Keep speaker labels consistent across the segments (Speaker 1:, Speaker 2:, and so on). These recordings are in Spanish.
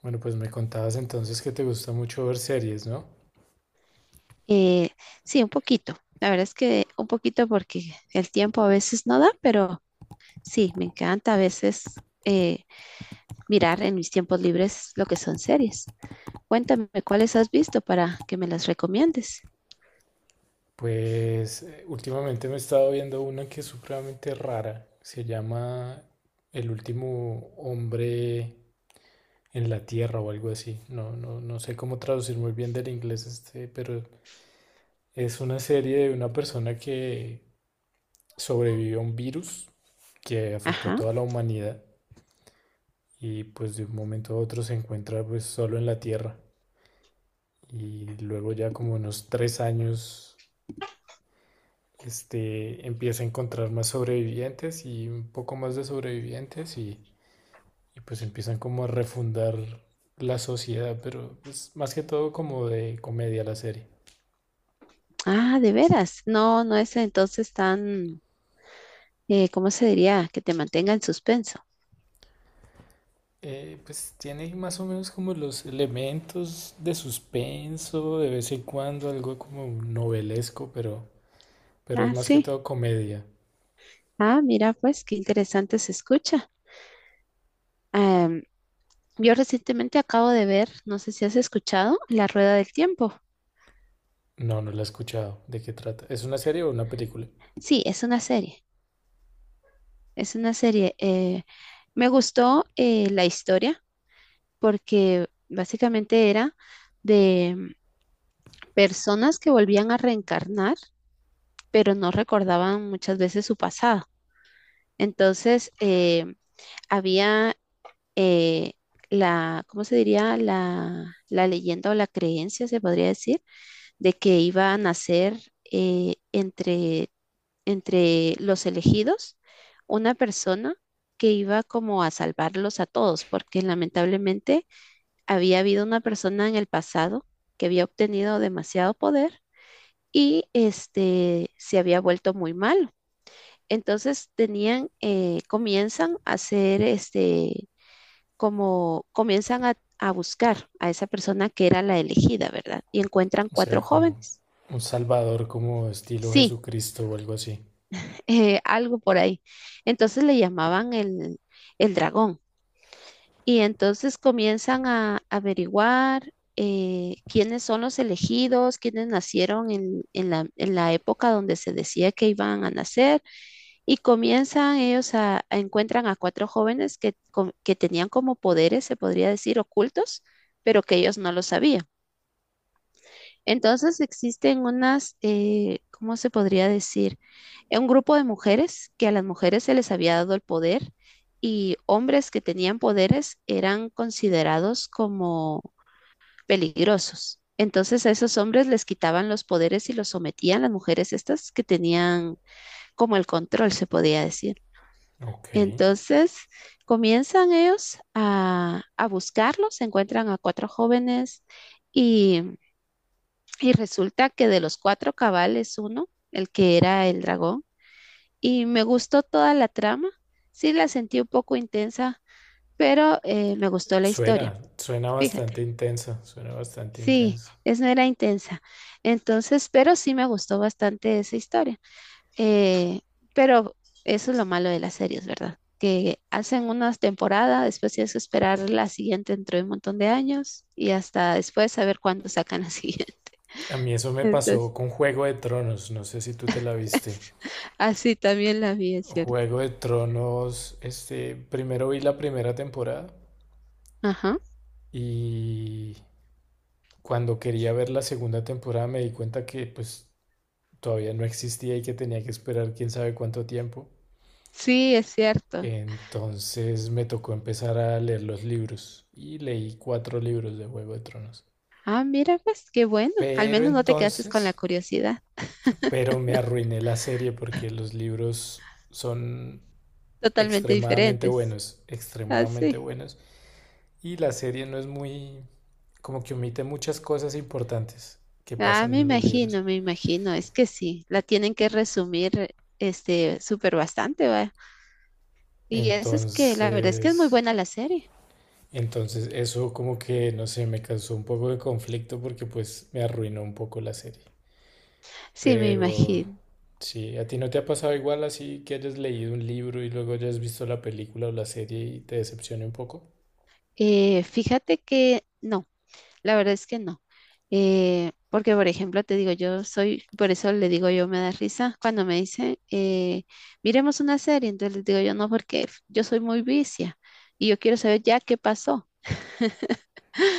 Speaker 1: Bueno, pues me contabas entonces que te gusta mucho ver series, ¿no?
Speaker 2: Eh, sí, un poquito. La verdad es que un poquito porque el tiempo a veces no da, pero sí, me encanta a veces mirar en mis tiempos libres lo que son series. Cuéntame cuáles has visto para que me las recomiendes.
Speaker 1: Pues últimamente me he estado viendo una que es supremamente rara. Se llama El último hombre en la Tierra o algo así. No, no, no sé cómo traducir muy bien del inglés pero es una serie de una persona que sobrevivió a un virus que afectó a
Speaker 2: Ajá.
Speaker 1: toda la humanidad y pues de un momento a otro se encuentra pues solo en la Tierra. Y luego ya como unos 3 años empieza a encontrar más sobrevivientes y un poco más de sobrevivientes y pues empiezan como a refundar la sociedad, pero es más que todo como de comedia la serie.
Speaker 2: Ah, de veras. No, no es entonces tan, ¿cómo se diría? Que te mantenga en suspenso.
Speaker 1: Pues tiene más o menos como los elementos de suspenso, de vez en cuando algo como novelesco, pero es
Speaker 2: Ah,
Speaker 1: más que
Speaker 2: sí.
Speaker 1: todo comedia.
Speaker 2: Ah, mira, pues qué interesante se escucha. Em, yo recientemente acabo de ver, no sé si has escuchado, La Rueda del Tiempo.
Speaker 1: No, no la he escuchado. ¿De qué trata? ¿Es una serie o una película?
Speaker 2: Sí, es una serie, es una serie. Me gustó la historia porque básicamente era de personas que volvían a reencarnar, pero no recordaban muchas veces su pasado. Entonces, había eh, ¿cómo se diría? La leyenda o la creencia, se podría decir, de que iba a nacer entre los elegidos una persona que iba como a salvarlos a todos, porque lamentablemente había habido una persona en el pasado que había obtenido demasiado poder y este se había vuelto muy malo. Entonces tenían, comienzan a hacer este, como comienzan a buscar a esa persona que era la elegida, ¿verdad? Y encuentran
Speaker 1: O
Speaker 2: cuatro
Speaker 1: sea, como
Speaker 2: jóvenes.
Speaker 1: un salvador como estilo
Speaker 2: Sí,
Speaker 1: Jesucristo o algo así.
Speaker 2: algo por ahí. Entonces le llamaban el dragón. Y entonces comienzan a averiguar quiénes son los elegidos, quiénes nacieron en la época donde se decía que iban a nacer. Y comienzan ellos a encuentran a cuatro jóvenes que tenían como poderes, se podría decir, ocultos, pero que ellos no lo sabían. Entonces existen unas, ¿cómo se podría decir? Un grupo de mujeres que a las mujeres se les había dado el poder y hombres que tenían poderes eran considerados como peligrosos. Entonces a esos hombres les quitaban los poderes y los sometían las mujeres estas que tenían como el control, se podía decir.
Speaker 1: Ok.
Speaker 2: Entonces comienzan ellos a buscarlos, encuentran a cuatro jóvenes y y resulta que de los cuatro cabales uno, el que era el dragón, y me gustó toda la trama. Sí, la sentí un poco intensa, pero me gustó la historia.
Speaker 1: Suena, suena
Speaker 2: Fíjate,
Speaker 1: bastante intenso, suena bastante
Speaker 2: sí,
Speaker 1: intenso.
Speaker 2: es no era intensa. Entonces, pero sí me gustó bastante esa historia. Eh, pero eso es lo malo de las series, ¿verdad? Que hacen unas temporadas, después tienes que esperar la siguiente dentro de un montón de años y hasta después saber cuándo sacan la siguiente.
Speaker 1: A mí eso me
Speaker 2: Entonces,
Speaker 1: pasó con Juego de Tronos, no sé si tú te la viste.
Speaker 2: Así también la vi, es cierto.
Speaker 1: Juego de Tronos, primero vi la primera temporada
Speaker 2: Ajá.
Speaker 1: y cuando quería ver la segunda temporada me di cuenta que pues todavía no existía y que tenía que esperar quién sabe cuánto tiempo.
Speaker 2: Sí, es cierto.
Speaker 1: Entonces me tocó empezar a leer los libros y leí cuatro libros de Juego de Tronos.
Speaker 2: Ah, mira, pues qué bueno. Al
Speaker 1: Pero
Speaker 2: menos no te quedaste con la
Speaker 1: entonces...
Speaker 2: curiosidad.
Speaker 1: Pero me arruiné la serie porque los libros son
Speaker 2: Totalmente
Speaker 1: extremadamente
Speaker 2: diferentes.
Speaker 1: buenos, extremadamente
Speaker 2: Así.
Speaker 1: buenos. Y la serie no es como que omite muchas cosas importantes que
Speaker 2: Ah,
Speaker 1: pasan
Speaker 2: me
Speaker 1: en los libros.
Speaker 2: imagino, me imagino. Es que sí, la tienen que resumir este súper bastante, ¿va? Y eso es que la verdad es que es muy
Speaker 1: Entonces,
Speaker 2: buena la serie.
Speaker 1: entonces eso como que, no sé, me causó un poco de conflicto porque pues me arruinó un poco la serie.
Speaker 2: Sí, me
Speaker 1: Pero
Speaker 2: imagino.
Speaker 1: sí, ¿a ti no te ha pasado igual así que hayas leído un libro y luego hayas visto la película o la serie y te decepcione un poco?
Speaker 2: Fíjate que no. La verdad es que no. Porque, por ejemplo, te digo, yo soy, por eso le digo yo me da risa cuando me dicen, miremos una serie. Entonces les digo yo no, porque yo soy muy vicia y yo quiero saber ya qué pasó.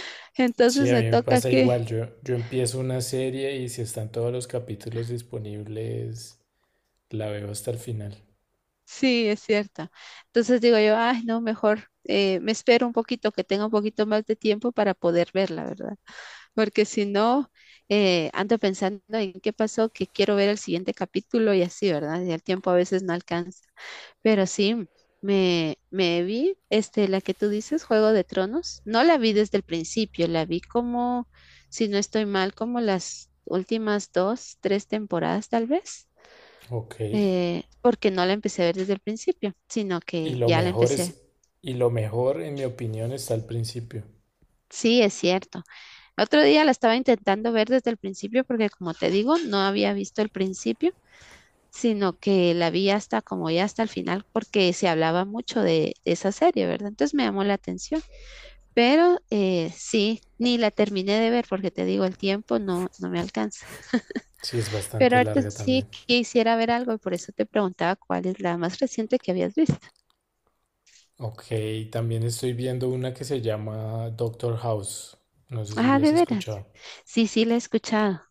Speaker 1: Sí,
Speaker 2: Entonces
Speaker 1: a
Speaker 2: me
Speaker 1: mí me
Speaker 2: toca
Speaker 1: pasa igual.
Speaker 2: que,
Speaker 1: Yo empiezo una serie y si están todos los capítulos disponibles, la veo hasta el final.
Speaker 2: sí, es cierto. Entonces digo yo, ay, no, mejor me espero un poquito, que tenga un poquito más de tiempo para poder verla, ¿verdad? Porque si no, ando pensando en qué pasó, que quiero ver el siguiente capítulo y así, ¿verdad? Y el tiempo a veces no alcanza. Pero sí, me vi, este, la que tú dices, Juego de Tronos, no la vi desde el principio, la vi como, si no estoy mal, como las últimas dos, tres temporadas tal vez,
Speaker 1: Ok.
Speaker 2: porque no la empecé a ver desde el principio, sino
Speaker 1: Y
Speaker 2: que
Speaker 1: lo
Speaker 2: ya la
Speaker 1: mejor
Speaker 2: empecé.
Speaker 1: es, y lo mejor, en mi opinión, está al principio.
Speaker 2: Sí, es cierto. Otro día la estaba intentando ver desde el principio porque, como te digo, no había visto el principio, sino que la vi hasta como ya hasta el final porque se hablaba mucho de esa serie, ¿verdad? Entonces me llamó la atención. Pero sí, ni la terminé de ver porque te digo, el tiempo no, no me alcanza.
Speaker 1: Sí, es
Speaker 2: Pero
Speaker 1: bastante
Speaker 2: ahorita
Speaker 1: larga
Speaker 2: sí
Speaker 1: también.
Speaker 2: quisiera ver algo y por eso te preguntaba cuál es la más reciente que habías visto.
Speaker 1: Ok, también estoy viendo una que se llama Doctor House. No sé si
Speaker 2: Ah,
Speaker 1: la
Speaker 2: de
Speaker 1: has
Speaker 2: veras.
Speaker 1: escuchado.
Speaker 2: Sí, sí, la he escuchado.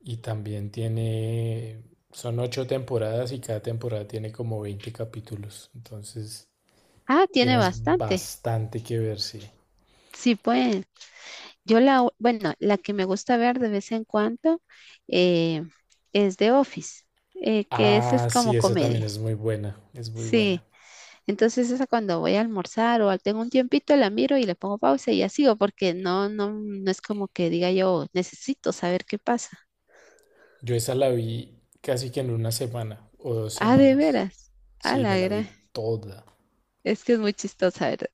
Speaker 1: Y también son ocho temporadas y cada temporada tiene como 20 capítulos. Entonces,
Speaker 2: Ah, tiene
Speaker 1: tienes
Speaker 2: bastante.
Speaker 1: bastante que ver, sí.
Speaker 2: Sí, pues bueno, la que me gusta ver de vez en cuando eh, es The Office, que esa es
Speaker 1: Ah,
Speaker 2: como
Speaker 1: sí, esa también
Speaker 2: comedia.
Speaker 1: es muy buena, es muy
Speaker 2: Sí.
Speaker 1: buena.
Speaker 2: Entonces esa cuando voy a almorzar o tengo un tiempito la miro y le pongo pausa y ya sigo porque no, no, no es como que diga yo necesito saber qué pasa.
Speaker 1: Yo esa la vi casi que en una semana o dos
Speaker 2: Ah, de
Speaker 1: semanas.
Speaker 2: veras. Ah,
Speaker 1: Sí, me
Speaker 2: la
Speaker 1: la vi
Speaker 2: gran.
Speaker 1: toda.
Speaker 2: Es que es muy chistosa, ¿verdad?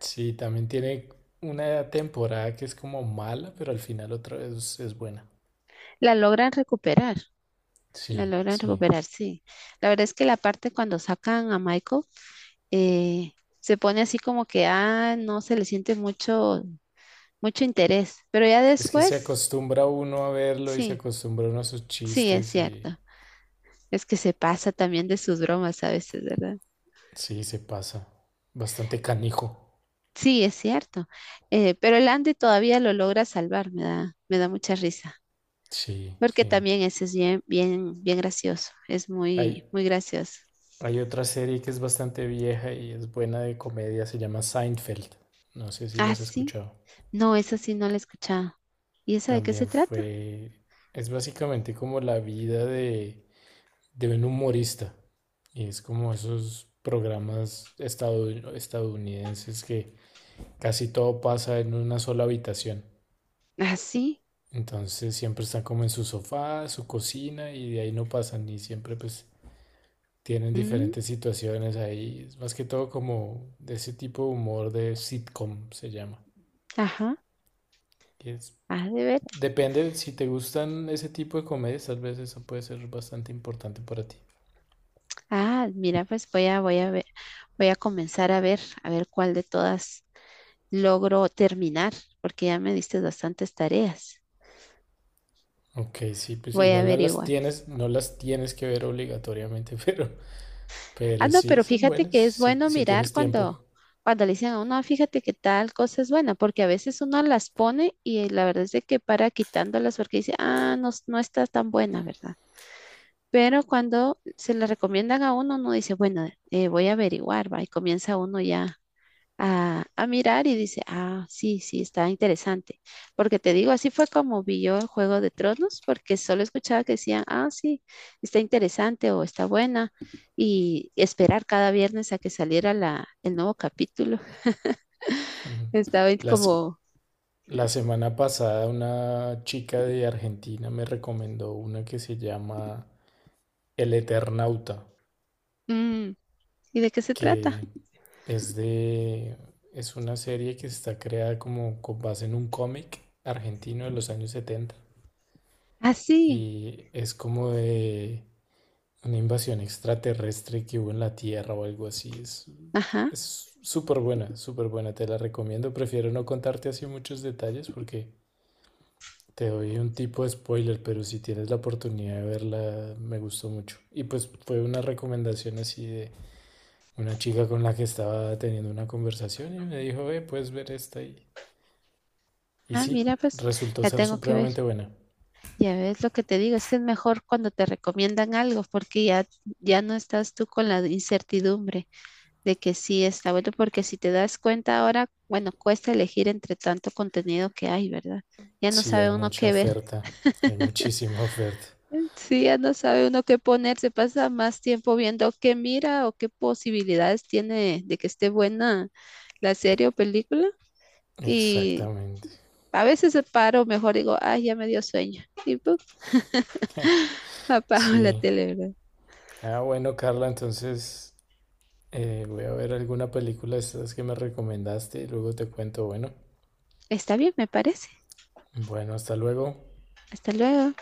Speaker 1: Sí, también tiene una temporada que es como mala, pero al final otra vez es buena.
Speaker 2: La logran recuperar, la
Speaker 1: Sí,
Speaker 2: logran
Speaker 1: sí.
Speaker 2: recuperar, sí. La verdad es que la parte cuando sacan a Michael eh, se pone así como que, ah, no se le siente mucho, mucho interés, pero ya
Speaker 1: Es que se
Speaker 2: después,
Speaker 1: acostumbra uno a verlo y se
Speaker 2: sí,
Speaker 1: acostumbra uno a sus
Speaker 2: sí, es
Speaker 1: chistes y
Speaker 2: cierto. Es que se pasa también de sus bromas a veces, ¿verdad?
Speaker 1: sí, se pasa. Bastante canijo.
Speaker 2: Sí, es cierto. Pero el Andy todavía lo logra salvar, me da mucha risa,
Speaker 1: Sí,
Speaker 2: porque
Speaker 1: sí.
Speaker 2: también ese es bien, bien, bien gracioso, es
Speaker 1: Hay,
Speaker 2: muy, muy gracioso.
Speaker 1: Hay otra serie que es bastante vieja y es buena de comedia, se llama Seinfeld. No sé si la
Speaker 2: Ah,
Speaker 1: has
Speaker 2: sí,
Speaker 1: escuchado.
Speaker 2: no, esa sí no la he escuchado. ¿Y esa de qué se
Speaker 1: También
Speaker 2: trata?
Speaker 1: fue... Es básicamente como la vida de un humorista. Y es como esos programas estadounidenses que casi todo pasa en una sola habitación.
Speaker 2: Ah, sí,
Speaker 1: Entonces siempre están como en su sofá, su cocina y de ahí no pasan y siempre pues tienen
Speaker 2: mm,
Speaker 1: diferentes situaciones ahí. Es más que todo como de ese tipo de humor de sitcom se llama.
Speaker 2: ajá,
Speaker 1: que es-
Speaker 2: ah, de ver.
Speaker 1: Depende, si te gustan ese tipo de comedias, tal vez eso puede ser bastante importante para ti.
Speaker 2: Ah, mira, pues voy a comenzar a ver cuál de todas logro terminar, porque ya me diste bastantes tareas.
Speaker 1: Ok, sí, pues
Speaker 2: Voy a
Speaker 1: igual
Speaker 2: averiguar.
Speaker 1: no las tienes que ver obligatoriamente,
Speaker 2: Ah,
Speaker 1: pero
Speaker 2: no,
Speaker 1: sí
Speaker 2: pero
Speaker 1: son
Speaker 2: fíjate
Speaker 1: buenas,
Speaker 2: que es
Speaker 1: si,
Speaker 2: bueno
Speaker 1: si
Speaker 2: mirar
Speaker 1: tienes tiempo.
Speaker 2: cuando le dicen a uno, "Ah, fíjate que tal cosa es buena, porque a veces uno las pone y la verdad es de que para quitándolas porque dice, ah, no, no está tan buena, ¿verdad? Pero cuando se le recomiendan a uno, uno dice, bueno, voy a averiguar, va, y comienza uno ya a mirar y dice, ah, sí, sí, está interesante. Porque te digo, así fue como vi yo el Juego de Tronos, porque solo escuchaba que decían, ah, sí, está interesante o está buena. Y esperar cada viernes a que saliera el nuevo capítulo.
Speaker 1: Ujú.
Speaker 2: Estaba ahí
Speaker 1: Las,
Speaker 2: como,
Speaker 1: la semana pasada una chica de Argentina me recomendó una que se llama El Eternauta,
Speaker 2: "Mm, ¿y de qué se trata?
Speaker 1: que Es de, es una serie que está creada como con base en un cómic argentino de los años 70
Speaker 2: Ah, sí,
Speaker 1: y es como de una invasión extraterrestre que hubo en la Tierra o algo así. Es,
Speaker 2: ajá,
Speaker 1: es súper buena, te la recomiendo. Prefiero no contarte así muchos detalles porque te doy un tipo de spoiler, pero si tienes la oportunidad de verla, me gustó mucho. Y pues fue una recomendación así de una chica con la que estaba teniendo una conversación y me dijo, ve, puedes ver esta y. Y
Speaker 2: ah,
Speaker 1: sí,
Speaker 2: mira, pues
Speaker 1: resultó
Speaker 2: la
Speaker 1: ser
Speaker 2: tengo que
Speaker 1: supremamente
Speaker 2: ver.
Speaker 1: buena.
Speaker 2: Ya ves lo que te digo, es que es mejor cuando te recomiendan algo, porque ya, ya no estás tú con la incertidumbre de que sí está bueno, porque si te das cuenta ahora, bueno, cuesta elegir entre tanto contenido que hay, ¿verdad? Ya no
Speaker 1: Sí, hay
Speaker 2: sabe uno
Speaker 1: mucha
Speaker 2: qué ver.
Speaker 1: oferta. Hay muchísima oferta.
Speaker 2: Sí, ya no sabe uno qué poner, se pasa más tiempo viendo qué mira o qué posibilidades tiene de que esté buena la serie o película. Y
Speaker 1: Exactamente.
Speaker 2: a veces se paro, mejor digo, ay, ya me dio sueño. Y puf, apago la
Speaker 1: Sí.
Speaker 2: tele, ¿verdad?
Speaker 1: Ah, bueno, Carla, entonces voy a ver alguna película de estas que me recomendaste y luego te cuento. Bueno,
Speaker 2: Está bien, me parece.
Speaker 1: bueno, hasta luego.
Speaker 2: Hasta luego.